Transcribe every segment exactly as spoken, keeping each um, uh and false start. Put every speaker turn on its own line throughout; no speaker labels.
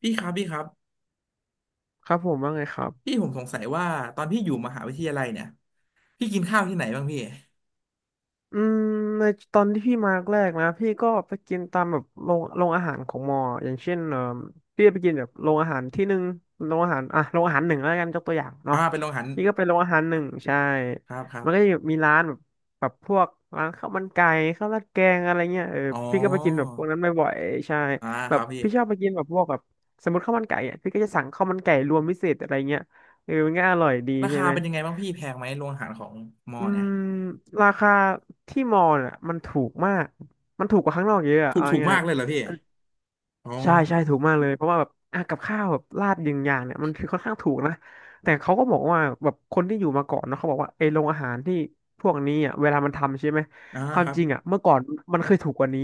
พี่ครับพี่ครับ
ครับผมว่าไงครับ
พี่ผมสงสัยว่าตอนพี่อยู่มหาวิทยาลัยเนี่ยพี่กินข้าวที่ไหนบ้างพี่
อืมในตอนที่พี่มาแรกนะพี่ก็ไปกินตามแบบโรงโรงอาหารของมออย่างเช่นเออพี่ไปกินแบบโรงอาหารที่หนึ่งโรงอาหารอ่ะโรงอาหารหนึ่งแล้วกันยกตัวอย่างเนาะ
อ่าเป็นโรงอาหาร
นี่ก็เป็นโรงอาหารหนึ่งใช่
ครับครั
มั
บ
นก็จะมีร้านแบบแบบพวกร้านข้าวมันไก่ข้าวราดแกงอะไรเงี้ยเออ
อ๋อ
พี่ก็ไปกินแบบพวกนั้นบ่อยๆใช่
อ่า
แบ
ค
บ
รับพี่
พี่ชอบไปกินแบบพวกแบบสมมติข้าวมันไก่อ่ะพี่ก็จะสั่งข้าวมันไก่รวมพิเศษอะไรเงี้ยเออมันก็อร่อยดี
รา
ใช่
คา
ไหม
เป็นยังไงบ้างพี่แพงไหมโรงอาหารของมอ
อื
เนี่ย
มราคาที่มอลน่ะมันถูกมาก มันถูกกว่าข้างนอกเยอะอะ
ถู
เอา
กถูก
ง่า
มา
ย
กเลยเหรอพี่อ๋อ
ๆใช่ใช่ถูกมากเลยเพราะว่าแบบอ่ะกับข้าวแบบราดยิงอย่างเนี่ยมันคือค่อนข้างถูกนะแต่เขาก็บอกว่าแบบคนที่อยู่มาก่อนเนาะเขาบอกว่าไอ้โรงอาหารที่พวกนี้อ่ะเวลามันทำใช่ไหม
อ่า
ความ
ครั
จ
บ
ริงอ่ะเมื่อก่อนมันเคยถูกกว่านี้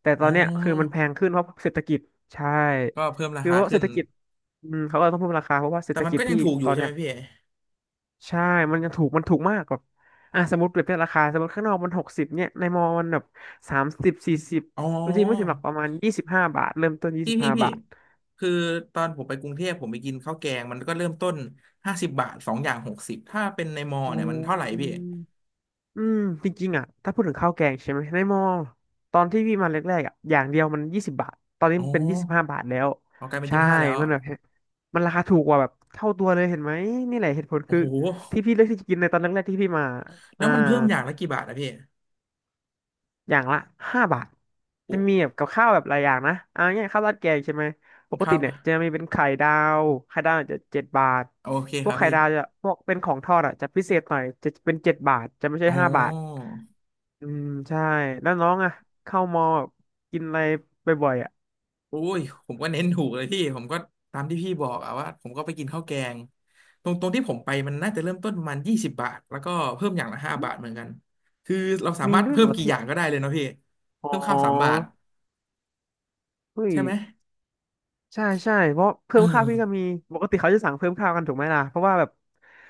แต่ต
อ๋
อ
อ
นเนี้ยคือมันแพงขึ้นเพราะเศรษฐกิจใช่
ก็เพิ่มรา
คือ
คา
เพราะเศ
ขึ้
รษ
น
ฐกิจอืมเขาก็ต้องเพิ่มราคาเพราะว่าเศร
แต่
ษฐ
มัน
กิจ
ก็ยั
ที่
งถูกอ
ต
ยู่
อน
ใช่
เนี้
ไห
ย
มพี่
ใช่ มันยังถูก มันถูกมากแบบอ่ะสมมติเปรียบเทียบราคา สมมติข้างนอกมันหกสิบเนี่ย ในมอมันแบบสามสิบสี่สิบ
อ๋อ
จริงๆไม่ถึงหรอกประมาณยี่สิบห้าบาท เริ่มต้นยี่
พี่
สิบ
พี่
ห้า
พี่
บาท
คือตอนผมไปกรุงเทพผมไปกินข้าวแกงมันก็เริ่มต้นห้าสิบบาทสองอย่างหกสิบถ้าเป็นในมอ
โอ
เนี่ยมันเท่าไหร่
้
พี่
อืม จริงๆอ่ะถ้าพูดถึงข้าวแกงใช่ไหม ในมอ ตอนที่พี่มาแรกๆอ่ะอย่างเดียวมันยี่สิบบาท ตอนนี้
อ๋อ
มันเป็นยี่สิบห้าบาทแล้ว
ออกกลายเป็น
ใช่
ยี่สิบห้าแล้ว
มันแบบมันราคาถูกกว่าแบบเท่าตัวเลยเห็นไหมนี่แหละเหตุผล
โอ้
คือ
โห
ที่พี่เลือกที่จะกินในตอนแรกๆที่พี่มา
แล้
อ่า
วมันเพิ่มอย่างละกี่บาทนะพี่
อย่างละห้าบาทจะ
โอ้
มีแบบกับข้าวแบบหลายอย่างนะเอาง่ายข้าวราดแกงใช่ไหมปก
ครั
ติ
บ
เนี่ยจะมีเป็นไข่ดาวไข่ดาวจจะเจ็ดบาท
โอเค
พ
ค
วก
รับ
ไข่
พี่
ดาวจะพวกเป็นของทอดอ่ะจะพิเศษหน่อยจะเป็นเจ็ดบาทจะไม่ใช่
อ๋
ห้าบาท
อ
อืมใช่แล้วน้องอ่ะเข้ามอแบบกินอะไรบ่อยๆอ่ะ
โอ้ยผมก็เน้นถูกเลยพี่ผมก็ตามที่พี่บอกอะว่าผมก็ไปกินข้าวแกงตรงตรงที่ผมไปมันน่าจะเริ่มต้นประมาณยี่สิบบาทแล้วก็เพิ่มอย่างละห้าบาทเหมือนกันคือเราสา
มี
มารถ
ด้วยเห
เพิ่
ร
ม
อ
กี่อ
ที่
ย่างก็ได้เลยเนาะพี่
อ๋
เพิ่มข้าวสามบา
อ
ท
เฮ้ย
ใช่ไหม
ใช่ใช่เพราะเพิ่
เออ
มข้าวพี่ก็มีปกติเขาจะสั่งเพิ่มข้าวกันถูกไหมล่ะเพราะว่าแบบ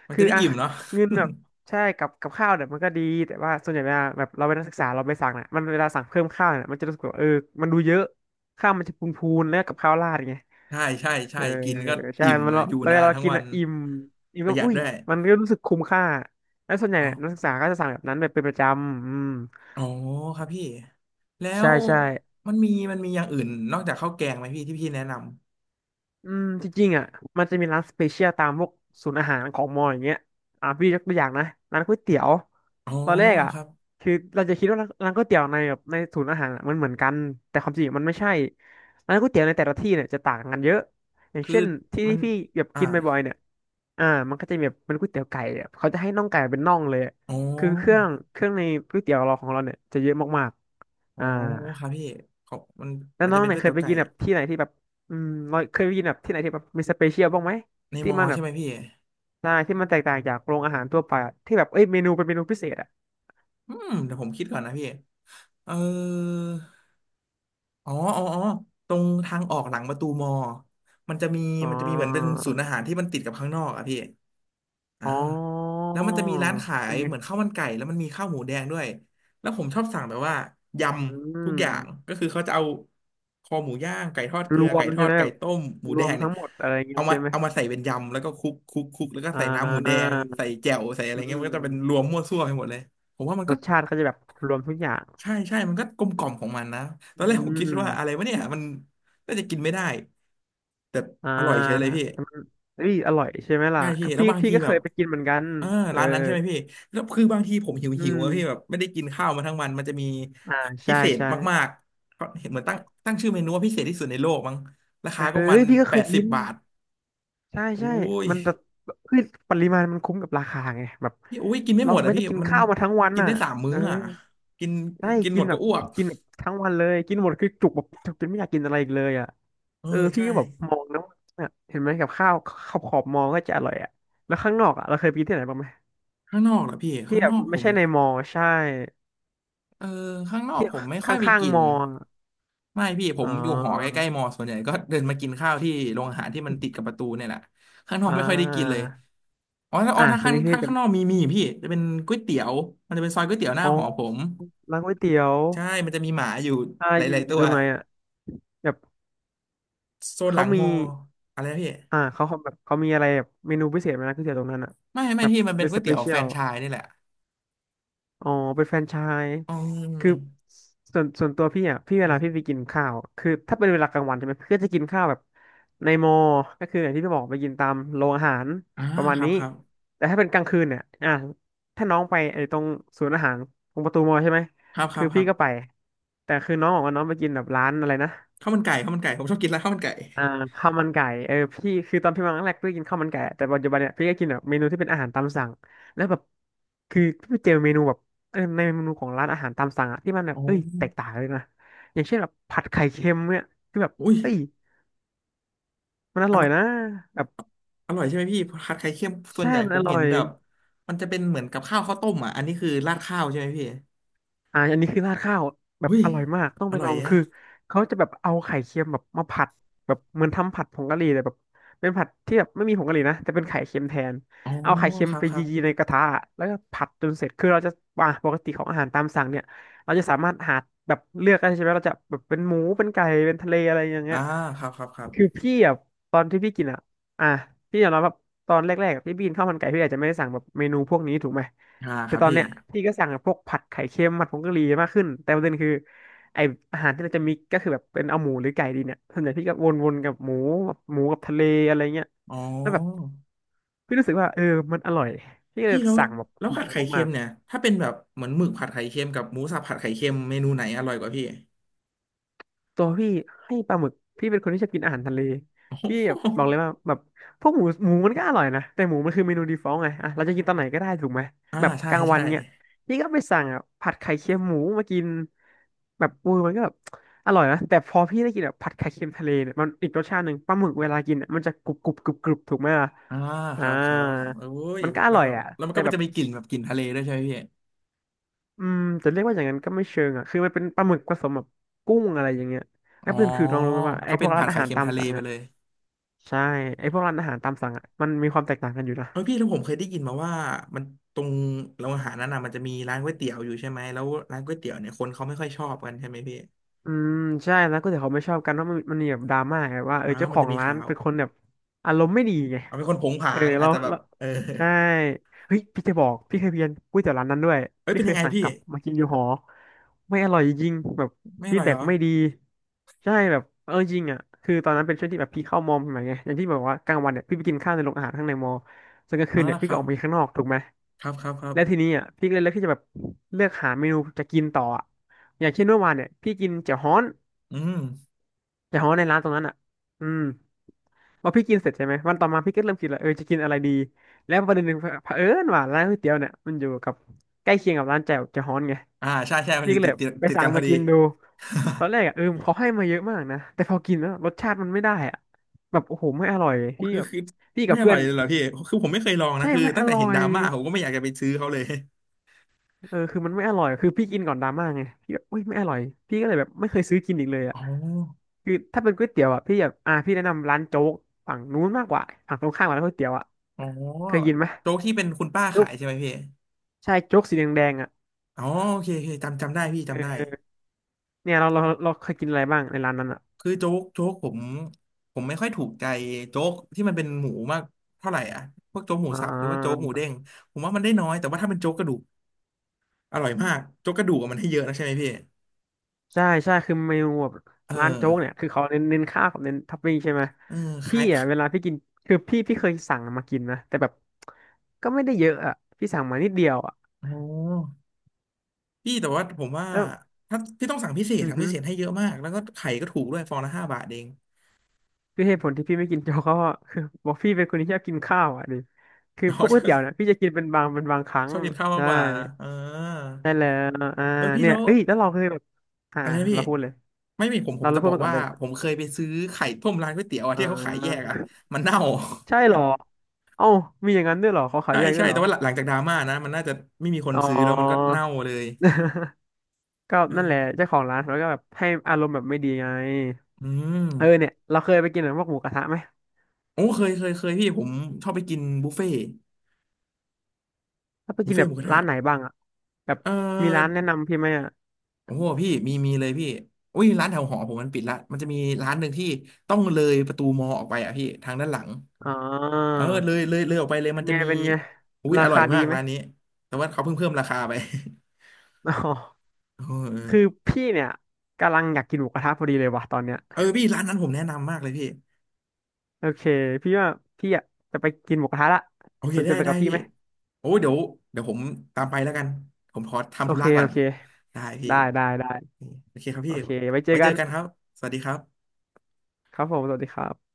มัน
คื
จะ
อ
ได้
อะ
อิ่มเนาะ
เงินแบบใช่กับกับข้าวเนี่ยมันก็ดีแต่ว่าส่วนใหญ่เวลาแบบเราเป็นนักศึกษาเราไปสั่งเนี่ยมันเวลาสั่งเพิ่มข้าวเนี่ยมันจะรู้สึกว่าเออมันดูเยอะข้าวมันจะพูนๆแล้วกับข้าวราดไง
ใช่ใช่
เอ
ใช่
อ
กินก็
ใช่
อิ่ม
มัน
อะ
เรา
อยู่
แล้เว
นา
ลา
น
เรา
ทั้ง
กิน
วัน
อะอิ่มอิ่ม
ป
ก็
ระหยัด
อุ้ย
ด้วย
มันก็รู้สึกคุ้มค่าแล้วส่วนใหญ่
อ๋อ
เนี่ยนักศึกษาก็จะสั่งแบบนั้นแบบเป็นประจำอืม
อ๋อครับพี่แล้
ใช่
ว
ใช่
มันมีมันมีอย่างอื่นนอกจากข้าวแกงไหมพี่ที่พี่แนะนำ
อืมจริงๆอ่ะมันจะมีร้านสเปเชียลตามพวกศูนย์อาหารของมออย่างเงี้ยอ่ะพี่ยกตัวอย่างนะร้านก๋วยเตี๋ยว
อ๋อ
ตอนแรกอ่ะ
ครับ
คือเราจะคิดว่าร้านร้านก๋วยเตี๋ยวในแบบในศูนย์อาหารอะมันเหมือนกันแต่ความจริงมันไม่ใช่ร้านก๋วยเตี๋ยวในแต่ละที่เนี่ยจะต่างกันเยอะอย่าง
คือ
เช่นที่
มั
ที่
น
พี่แบบ
อ่า
กินบ่อยๆเนี่ยอ่ามันก็จะมีแบบเป็นก๋วยเตี๋ยวไก่อะเขาจะให้น่องไก่เป็นน่องเลยอะ
อ๋
คือเครื่อ
อ
งเครื่องในก๋วยเตี๋ยวเราของเราเนี่ยจะเยอะมากๆ
อ๋อ
อ่า
ครับพี่ขอบมัน
แล้ว
มัน
น้อ
จะ
ง
เป็น
เนี่
ก๋
ย
วย
เคย
เตี๋ย
ไป
วไก่
กินแบบที่ไหนที่แบบอืมเราเคยไปกินแบบที่ไหนที่แบบมีสเปเชียลบ้างไหม
ใน
ที่
มอ
มันแบ
ใช่
บ
ไหมพี่
ใช่ที่มันแตกต่างจากโรงอาหารทั่วไปอะที่แบบเอ้ยเมนูเป็นเมนูพิเศษอ่ะ
อืมเดี๋ยวผมคิดก่อนนะพี่เอออ๋ออ๋ออ๋อตรงทางออกหลังประตูมอมันจะมี
อ๋อ
มันจะมีเหมือนเป็นศูนย์อาหารที่มันติดกับข้างนอกอะพี่ อ่า
อ๋อ
แล้วมันจะมีร้านขา
เป็
ย
นไง
เหมือนข้าวมันไก่แล้วมันมีข้าวหมูแดงด้วยแล้วผมชอบสั่งแบบว่าย
อื
ำทุกอย่าง
ม
ก็คือเขาจะเอาคอหมูย่างไก่ทอดเก
ร
ลือ
ว
ไก่
ม
ท
ใช่
อด
ไหมแบ
ไก่
บ
ต้มหมู
ร
แด
วม
งเนี่
ทั้
ย
งหมดอะไรเงี้ย
เอามา
ใช่ไหม
เอามาใส่เป็นยำแล้วก็คลุกคลุกคลุกแล้วก็
อ่
ใส่น้ำหมูแด
า
งใส่แจ่วใส่อะไร
อื
เงี้ยมันก็จะเป็นร
ม
วมมั่วซั่วไปหมดเลยผมว่ามัน
ร
ก็
สชาติเขาจะแบบรวมทุกอย่าง
ใช่ใช่มันก็กลมกล่อมของมันนะตอน
อื
แรกผมคิดว่าอะไร
ม
วะเนี่ยมันน่าจะกินไม่ได้แต่
อ่
อร่อยเฉยเลย
า
พี่
มันเอ้ยอร่อยใช่ไหมล่ะ
ใช่พี่
คือ
แล้ว
พี่
บาง
พี่
ที
ก็
แบ
เค
บ
ยไปกินเหมือนกัน
เออ
เออ
ร้านนั้นใช่ไหมพี่แล้วคือบางทีผมหิว
อื
หิว
ม
อะพี่แบบไม่ได้กินข้าวมาทั้งวันมันจะมี
อ่า
พิ
ใช่
เศษ
ใช่
มากๆเขาเห็นเหมือนตั้งตั้งชื่อเมนูว่าพิเศษที่สุดในโลกมั้งราคาก็
เอ้
มั
ย
น
พี่ก็
แป
เคย
ดสิ
กิ
บ
น
บาท
ใช่
โอ้
ใช่
ย
มันจะคือปริมาณมันคุ้มกับราคาไงแบบ
พี่โอ้ยกินไม่
เรา
หมด
ไม่
อ่ะ
ได้
พี่
กิน
มัน
ข้าวมาทั้งวัน
กิน
อ่ะ
ได้สามมื้
เอ
อ
อ
อ่ะกิน
ได้
กินห
กิ
ม
น
ด
แบ
ก็
บ
อ้วก
กินแบบทั้งวันเลยกินหมดคือจุกแบบจุกจนไม่อยากกินอะไรอีกเลยอ่ะ
เออ
เออพี่
ใช่
ก็แบบมองนะว่าเนี่ยเห็นไหมกับข้าวขอบขอบมองก็จะอร่อยอ่ะแล้วข้างนอกอ่ะเราเคยไปกินที่ไหนบ้างไหม
ข้างนอกเหรอพี่
ที่
ข้าง
แบ
น
บ
อกผ
ไม่
ม
ใช่ในมอใช่
เออข้างนอก
ที่
ผมไม่
ข
ค่อยไป
้าง
กิ
ๆม
น
อ
ไม่พี่ผ
อ๋
มอยู่หอใก
อ
ล้ๆมอส่วนใหญ่ก็เดินมากินข้าวที่โรงอาหารที่มันติดกับประตูเนี่ยแหละข้างนอก
อ่า
ไม่ค่อยได้กินเลยอ๋อถ้าอ๋
อ่ะ
อถ้า
ตอน
ข้าง
นี้พี่
ถ้า
จะ
ข้างนอกมีมีพี่จะเป็นก๋วยเตี๋ยวมันจะเป็นซอยก๋วยเตี๋ยวหน้า
อ๋อ
หอผม
ร้านก๋วยเตี๋ยว
ใช่มันจะมีหมาอยู่
ใช่
ห
อยู่
ลาย
อ
ๆ
ยู่
ตั
ต
ว
รงไหนอ่ะแบบ
โซนห
เขา
ลังม
มี
ออะไรนะพี่
อ่าเขาเขาแบบเขามีอะไรแบบเมนูพิเศษไหมนะก๋วยเตี๋ยวตรงนั้นอ่ะ
ไม่ไม่
แบบ
พี่มันเป็
เป็
น
น
ก๋
ส
วย
เป
เตี๋ยว
เชี
แฟ
ย
ร
ล
นไชส์นี่แหละ
อ๋อเป็นแฟรนไชส์
อืม
คือส่วนส่วนตัวพี่อ่ะพี่เวลา
อม
พี่ไปกินข้าวคือถ้าเป็นเวลากลางวันใช่ไหมพี่ก็จะกินข้าวแบบในมอ ก็คืออย่างที่พี่บอกไปกินตามโรงอาหาร
อ่า
ประมาณ
ครับ
นี้
ครับ
แต่ถ้าเป็นกลางคืนเนี่ยอ่าถ้าน้องไปไอ้ตรงศูนย์อาหารตรงประตูมอใช่ไหม
ครับค
คื
รั
อ
บค
พี่
รั
ก็ไป
บ
แต่คือน้องบอกว่าน้องไปกินแบบร้านอะไรนะ
ข้าวมันไก่ข้าวมันไก่ผมชอบกินร้านข้าวมันไก่
อ่าข้าวมันไก่เออพี่คือตอนพี่มาครั้งแรกพี่ก็กินข้าวมันไก่แต่ปัจจุบันเนี่ยพี่ก็กินแบบเมนูที่เป็นอาหารตามสั่งแล้วแบบคือพี่ไปเจอเมนูแบบเออในเมนูของร้านอาหารตามสั่งอะที่มันแบบ
อ๋
เอ้ยแตก
อ
ต่างเลยนะอย่างเช่นแบบผัดไข่เค็มเนี่ยคือแบบ
อุ้ย
เอ้ยมันอ
อ
ร่อย
ร่อย
นะแบบ
อร่อยใช่ไหมพี่ผัดไข่เค็มส่ว
ใช่
นใหญ่
มัน
ผ
อ
ม
ร่
เห็
อ
น
ย
แบบมันจะเป็นเหมือนกับข้าวข้าวต้มอ่ะอันนี้คือราดข้าวใช่ไหมพี่
อ่าอันนี้คือราดข้าวแบบ
อุ้ย
อร่อยมากต้อง
อ
ไป
ร่
ล
อ
อ
ย
ง
แยะ
คือเขาจะแบบเอาไข่เค็มแบบมาผัดแบบเหมือนทำผัดผงกะหรี่เลยแบบเป็นผัดที่แบบไม่มีผงกะหรี่นะแต่เป็นไข่เค็มแทน
อ๋อ
เอาไข่เค็ม
ครับ
ไป
ครับ
ยีๆในกระทะแล้วก็ผัดจนเสร็จคือเราจะอ่าปกติของอาหารตามสั่งเนี่ยเราจะสามารถหาแบบเลือกได้ใช่ไหมเราจะแบบเป็นหมูเป็นไก่เป็นทะเลอะไรอย่างเงี้
อ่า
ย
ครับครับครับ
คือพี่อ่ะตอนที่พี่กินอ่ะอ่ะพี่ยอมรับว่าตอนแรกๆอะพี่บินข้าวมันไก่พี่อาจจะไม่ได้สั่งแบบเมนูพวกนี้ถูกไหม
อ่าค
แต่
รับ
ตอน
พี่
เนี้ยพี่ก็สั่งพวกผัดไข่เค็มผัดผงกะหรี่มากขึ้นแต่ประเด็นคือไออาหารที่เราจะมีกก็คือแบบเป็นเอาหมูหรือไก่ดีเนี่ยส่วนใหญ่พี่ก็วนๆกับหมูแบบหมูกับทะเลอะไรเงี้ย
อ๋
แล้วแบบ
อ
พี่รู้สึกว่าเออมันอร่อยพี่ก็เล
พี่
ย
แล้ว
สั่งแบบ
แล้ว
เห
ผั
มา
ดไข่เค็
มา
ม
ก
เนี่ยถ้าเป็นแบบเหมือนหมึกผัดไข่เค็มกับหมูสับผัดไข่เค็มเมนูไหนอร่อยกว่าพี่
ตัวพี่ให้ปลาหมึกพี่เป็นคนที่ชอบกินอาหารทะเล
โอ้
พี่
โ
แบบบอกเล
ห
ยว่าแบบพวกหมูหมูมันก็อร่อยนะแต่หมูมันคือเมนูดีฟอลต์ไงอ่ะเราจะกินตอนไหนก็ได้ถูกไหม
อ่า
แบบ
ใช่
กลางวัน
ใช่
เนี่ยพี่ก็ไปสั่งอ่ะผัดไข่เค็มหมูมากินแบบอูมันก็แบบอร่อยนะแต่พอพี่ได้กินแบบผัดไข่เค็มทะเลเนี่ยมันอีกรสชาติหนึ่งปลาหมึกเวลากินอะมันจะกรุบกรุบกรุบกรุบถูกไหมล่ะ
อ่าค
อ่า
รับครับโอ้ย
มันก็อ
แล้ว
ร่อย
แบบ
อ่ะ
แล้วมัน
แต่
ก็
แบบ
จะมีกลิ่นแบบกลิ่นทะเลด้วยใช่ไหมพี่
อืมจะเรียกว่าอย่างนั้นก็ไม่เชิงอ่ะคือมันเป็นปลาหมึกผสมแบบกุ้งอะไรอย่างเงี้ยแล้ว
อ๋อ
ประเด็นคือลองรู้ไหมว่าไอ้
ก็
พ
เป็
ว
น
กร้า
ผั
น
ด
อา
ไข่
หาร
เค็ม
ตาม
ทะเล
สั่ง
ไป
อ่ะ
เลย
ใช่ไอ้พวกร้านอาหารตามสั่งอ่ะมันมีความแตกต่างกันอยู่นะ
เออพี่แล้วผมเคยได้ยินมาว่ามันตรงโรงอาหารนั้นน่ะมันจะมีร้านก๋วยเตี๋ยวอยู่ใช่ไหมแล้วร้านก๋วยเตี๋ยวเนี่ยคนเขาไม่ค่อยชอบกันใช่ไหมพี่
อืมใช่ร้านก๋วยเตี๋ยวเขาไม่ชอบกันเพราะมันมันมีแบบดราม่าไงว่าเออ
อ้าว
เจ้าข
มัน
อ
จะ
ง
มี
ร้าน
ข่าว
เป็นคนแบบอารมณ์ไม่ดีไง
เอาเป็นคนผงผา
เออ
ง
เรา
อาจจะแบบ
เรา
เออ
ใช่เฮ้ยพี่จะบอกพี่เคยเพียนก๋วยเตี๋ยวร้านนั้นด้วย
เอ้ย
พี่
เป็น
เค
ยัง
ย
ไง
สั่ง
พี่
กลับมากินอยู่หอไม่อร่อยจริงแบบ
ไม่อ
ฟีด
ร่อย
แบ็
เห
ก
รอ
ไม่ดีใช่แบบเออจริงอ่ะคือตอนนั้นเป็นช่วงที่แบบพี่เข้ามอมใหม่ไงอย่างที่บอกว่ากลางวันเนี่ยพี่ไปกินข้าวในโรงอาหารข้างในมอส่วนกลางคื
อ๋อ
นเนี่ยพี่
ค
ก็
รั
อ
บ
อกไปข้างนอกถูกไหม
ครับครับครับ
และทีนี้อ่ะพี่ก็เลยเลือกที่จะแบบเลือกหาเมนูจะกินต่ออะอย่างเช่นเมื่อวานเนี่ยพี่กินเจ๋อฮ้อน
อืม
แต่เพราะว่าในร้านตรงนั้นอ่ะ อืมพอพี่กินเสร็จใช่ไหมวันต่อมาพี่ก็เริ่มคิดแล้วเออจะกินอะไรดีแล้วประเด็นหนึ่งเผอิญว่าร้านก๋วยเตี๋ยวเนี่ยมันอยู่กับใกล้เคียงกับร้านแจ่วเจะฮ้อนไง
อ่าใช่ใช่มัน
พี่
อยู่
ก็เล
ติ
ย
ดติด
ไป
ติด
สั่ง
กันพอ
มา
ดี
กินดูตอนแรกอ่ะเออเขาให้มาเยอะมากนะแต่พอกินแล้วรสชาติมันไม่ได้อ่ะแบบโอ้โหไม่อร่อยพี่
คือ
แบบ
คือ
พี่กั
ไม่
บ
อ
เพื่อ
ร่อ
น
ยเลยเหรอพี่คือผมไม่เคยลองนะ
ใช่
คือ
ไม่อ
ตั้งแต่
ร่อ
เห็นด
ย
ราม่าผมก็ไม่อยากจะไปซื้อเขาเลย
เออคือมันไม่อร่อยคือพี่กินก่อนดราม่าไงพี่แบบอุ้ยไม่อร่อยพี่ก็เลยแบบไม่เคยซื้อกินอีกเลยอ่ะ
อ๋อ
คือถ้าเป็นก๋วยเตี๋ยวอ่ะพี่แบบอ่าพี่แนะนำร้านโจ๊กฝั่งนู้นมากกว่าฝั่งตรงข้ามกับร้านก๋วยเตี๋ยวอ่ะ
อ๋อ
เคยกินไหม
โจ๊กที่เป็นคุณป้า
โจ๊
ขา
ก
ยใช่ไหมพี่
ใช่โจ๊กสีแดงๆอ่ะ
อ๋อโอเคโอเคจำจำได้พี่จำได้
เออเนี่ยเราเราเราเคยกินอะไรบ้างในร้านนั้นอ่ะ
คือโจ๊กโจ๊กผมผมไม่ค่อยถูกใจโจ๊กที่มันเป็นหมูมากเท่าไหร่อ่ะพวกโจ๊กหมู
อ่
สับหรือว่าโจ๊ก
า
หมูเด้งผมว่ามันได้น้อยแต่ว่าถ้าเป็นโจ๊กกระดูกอร่อยมากโจ๊กกระดูกอะมันให้เยอะนะใช่ไหมพี่
ใช่ใช่คือเมนูแบบ
เอ
ร้านโจ๊กเนี่ย
อ
คือเขาเน้นเน้นข้าวกับเน้นท็อปปิ้งใช่ไหม
เออค
พี่
ล้าย
อ่ะเวลาพี่กินคือพี่พี่เคยสั่งมากินนะแต่แบบก็ไม่ได้เยอะอ่ะพี่สั่งมานิดเดียวอ่ะ
โอ้พี่แต่ว่าผมว่า
เอ
ถ้าพี่ต้องสั่งพิเศ
อ
ษ
อือ
สั่ง
ฮึ
พิเศษให้เยอะมากแล้วก็ไข่ก็ถูกด้วยฟองละห้าบาทเอง
คือเหตุผลที่พี่ไม่กิน โจ๊กก็คือบอกพี่เป็นคนที่ชอบกินข้าวอ่ะดิคื อพว
เนาะ
ก
ช
ก๋วย
อ
เตี๋
บ
ยวเนี่ยพี่จะกินเป็นบางเป็นบางครั้ ง
ชอบกินข้าวมาก
ใช่
กว่าเออ
ได้แล้วอ่า
เออพี่
เนี่ย
แล้ว
เอ้ยแล้วเราเคยแบบอ่า
อะไรนะพี่
เราพูดเลย
ไม่มีผมผ
เรา
ม
เรา
จะ
พู
บ
ด
อก
มาก่อน
ว่า
ได้ไหม
ผมเคยไปซื้อไข่ต้มร้านก๋วยเตี๋ยวอะ
อ่
ที่เขาขายแยก
า
อะมันเน่า
ใช่เหรอเอ้ามีอย่างนั้นด้วยเหรอเขา ขาย
ใช่
แยกด้ว
ใช่
ยเหร
แต่
อ
ว่าหลังหลังจากดราม่านะมันน่าจะไม่มีคน
อ๋อ
ซื้อแล้วมันก็เน่าเลย
ก็
เอ
นั่นแหละ
อ
เจ้าของร้านเขาก็แบบให้อารมณ์แบบไม่ดีไง
อืม
เออเนี่ยเราเคยไปกินแบบพวกหมูกระทะไหม
โอ้เคยเคยเคยพี่ผมชอบไปกินบุฟเฟ่
ถ้าไป
บุ
กิ
ฟ
น
เฟ่
แบ
ห
บ
มูกระ
ร้า
ทะ
นไหนบ้างอะแบบ
เอ
มีร้าน
อ
แนะนำพี่ไหมอะ
โอ้โหพี่มีมีเลยพี่อุ้ยร้านแถวหอผมมันปิดละมันจะมีร้านหนึ่งที่ต้องเลยประตูมอออกไปอ่ะพี่ทางด้านหลัง
อ๋อ
เออเลยเลยเลยออกไปเลย
เป็
มั
น
นจะ
ไง
มี
เป็นไง
อุ้ย
รา
อร่อ
คา
ย
ดี
มาก
ไหม
ร้าน นี้แต่ว่าเขาเพิ่งเพิ่มราคาไป
อ๋อ
เอ
คือ
อ
พี่เนี่ยกำลังอยากกินหมูกระทะพอดีเลยว่ะตอนเนี้ย
เออเออพี่ร้านนั้นผมแนะนำมากเลยพี่
โอเค พี่ว่าพี่อ่ะจะไปกินหมูกระทะละ
โอเค
สนใจ
ได้
ไป
ได้
กับพี่
พี่
ไหม
โอ้เดี๋ยวเดี๋ยวผมตามไปแล้วกันผมขอ
โอ
ทำธุ
เค
ระก่อ
โอ
น
เค
ได้พี่
ได้ ได้ได้
โอเคครับ
โอ
พี่
เคไว้เจอ
ไว้เจ
กั
อ
น
กันครับสวัสดีครับ
ครับผม สวัสดีครับ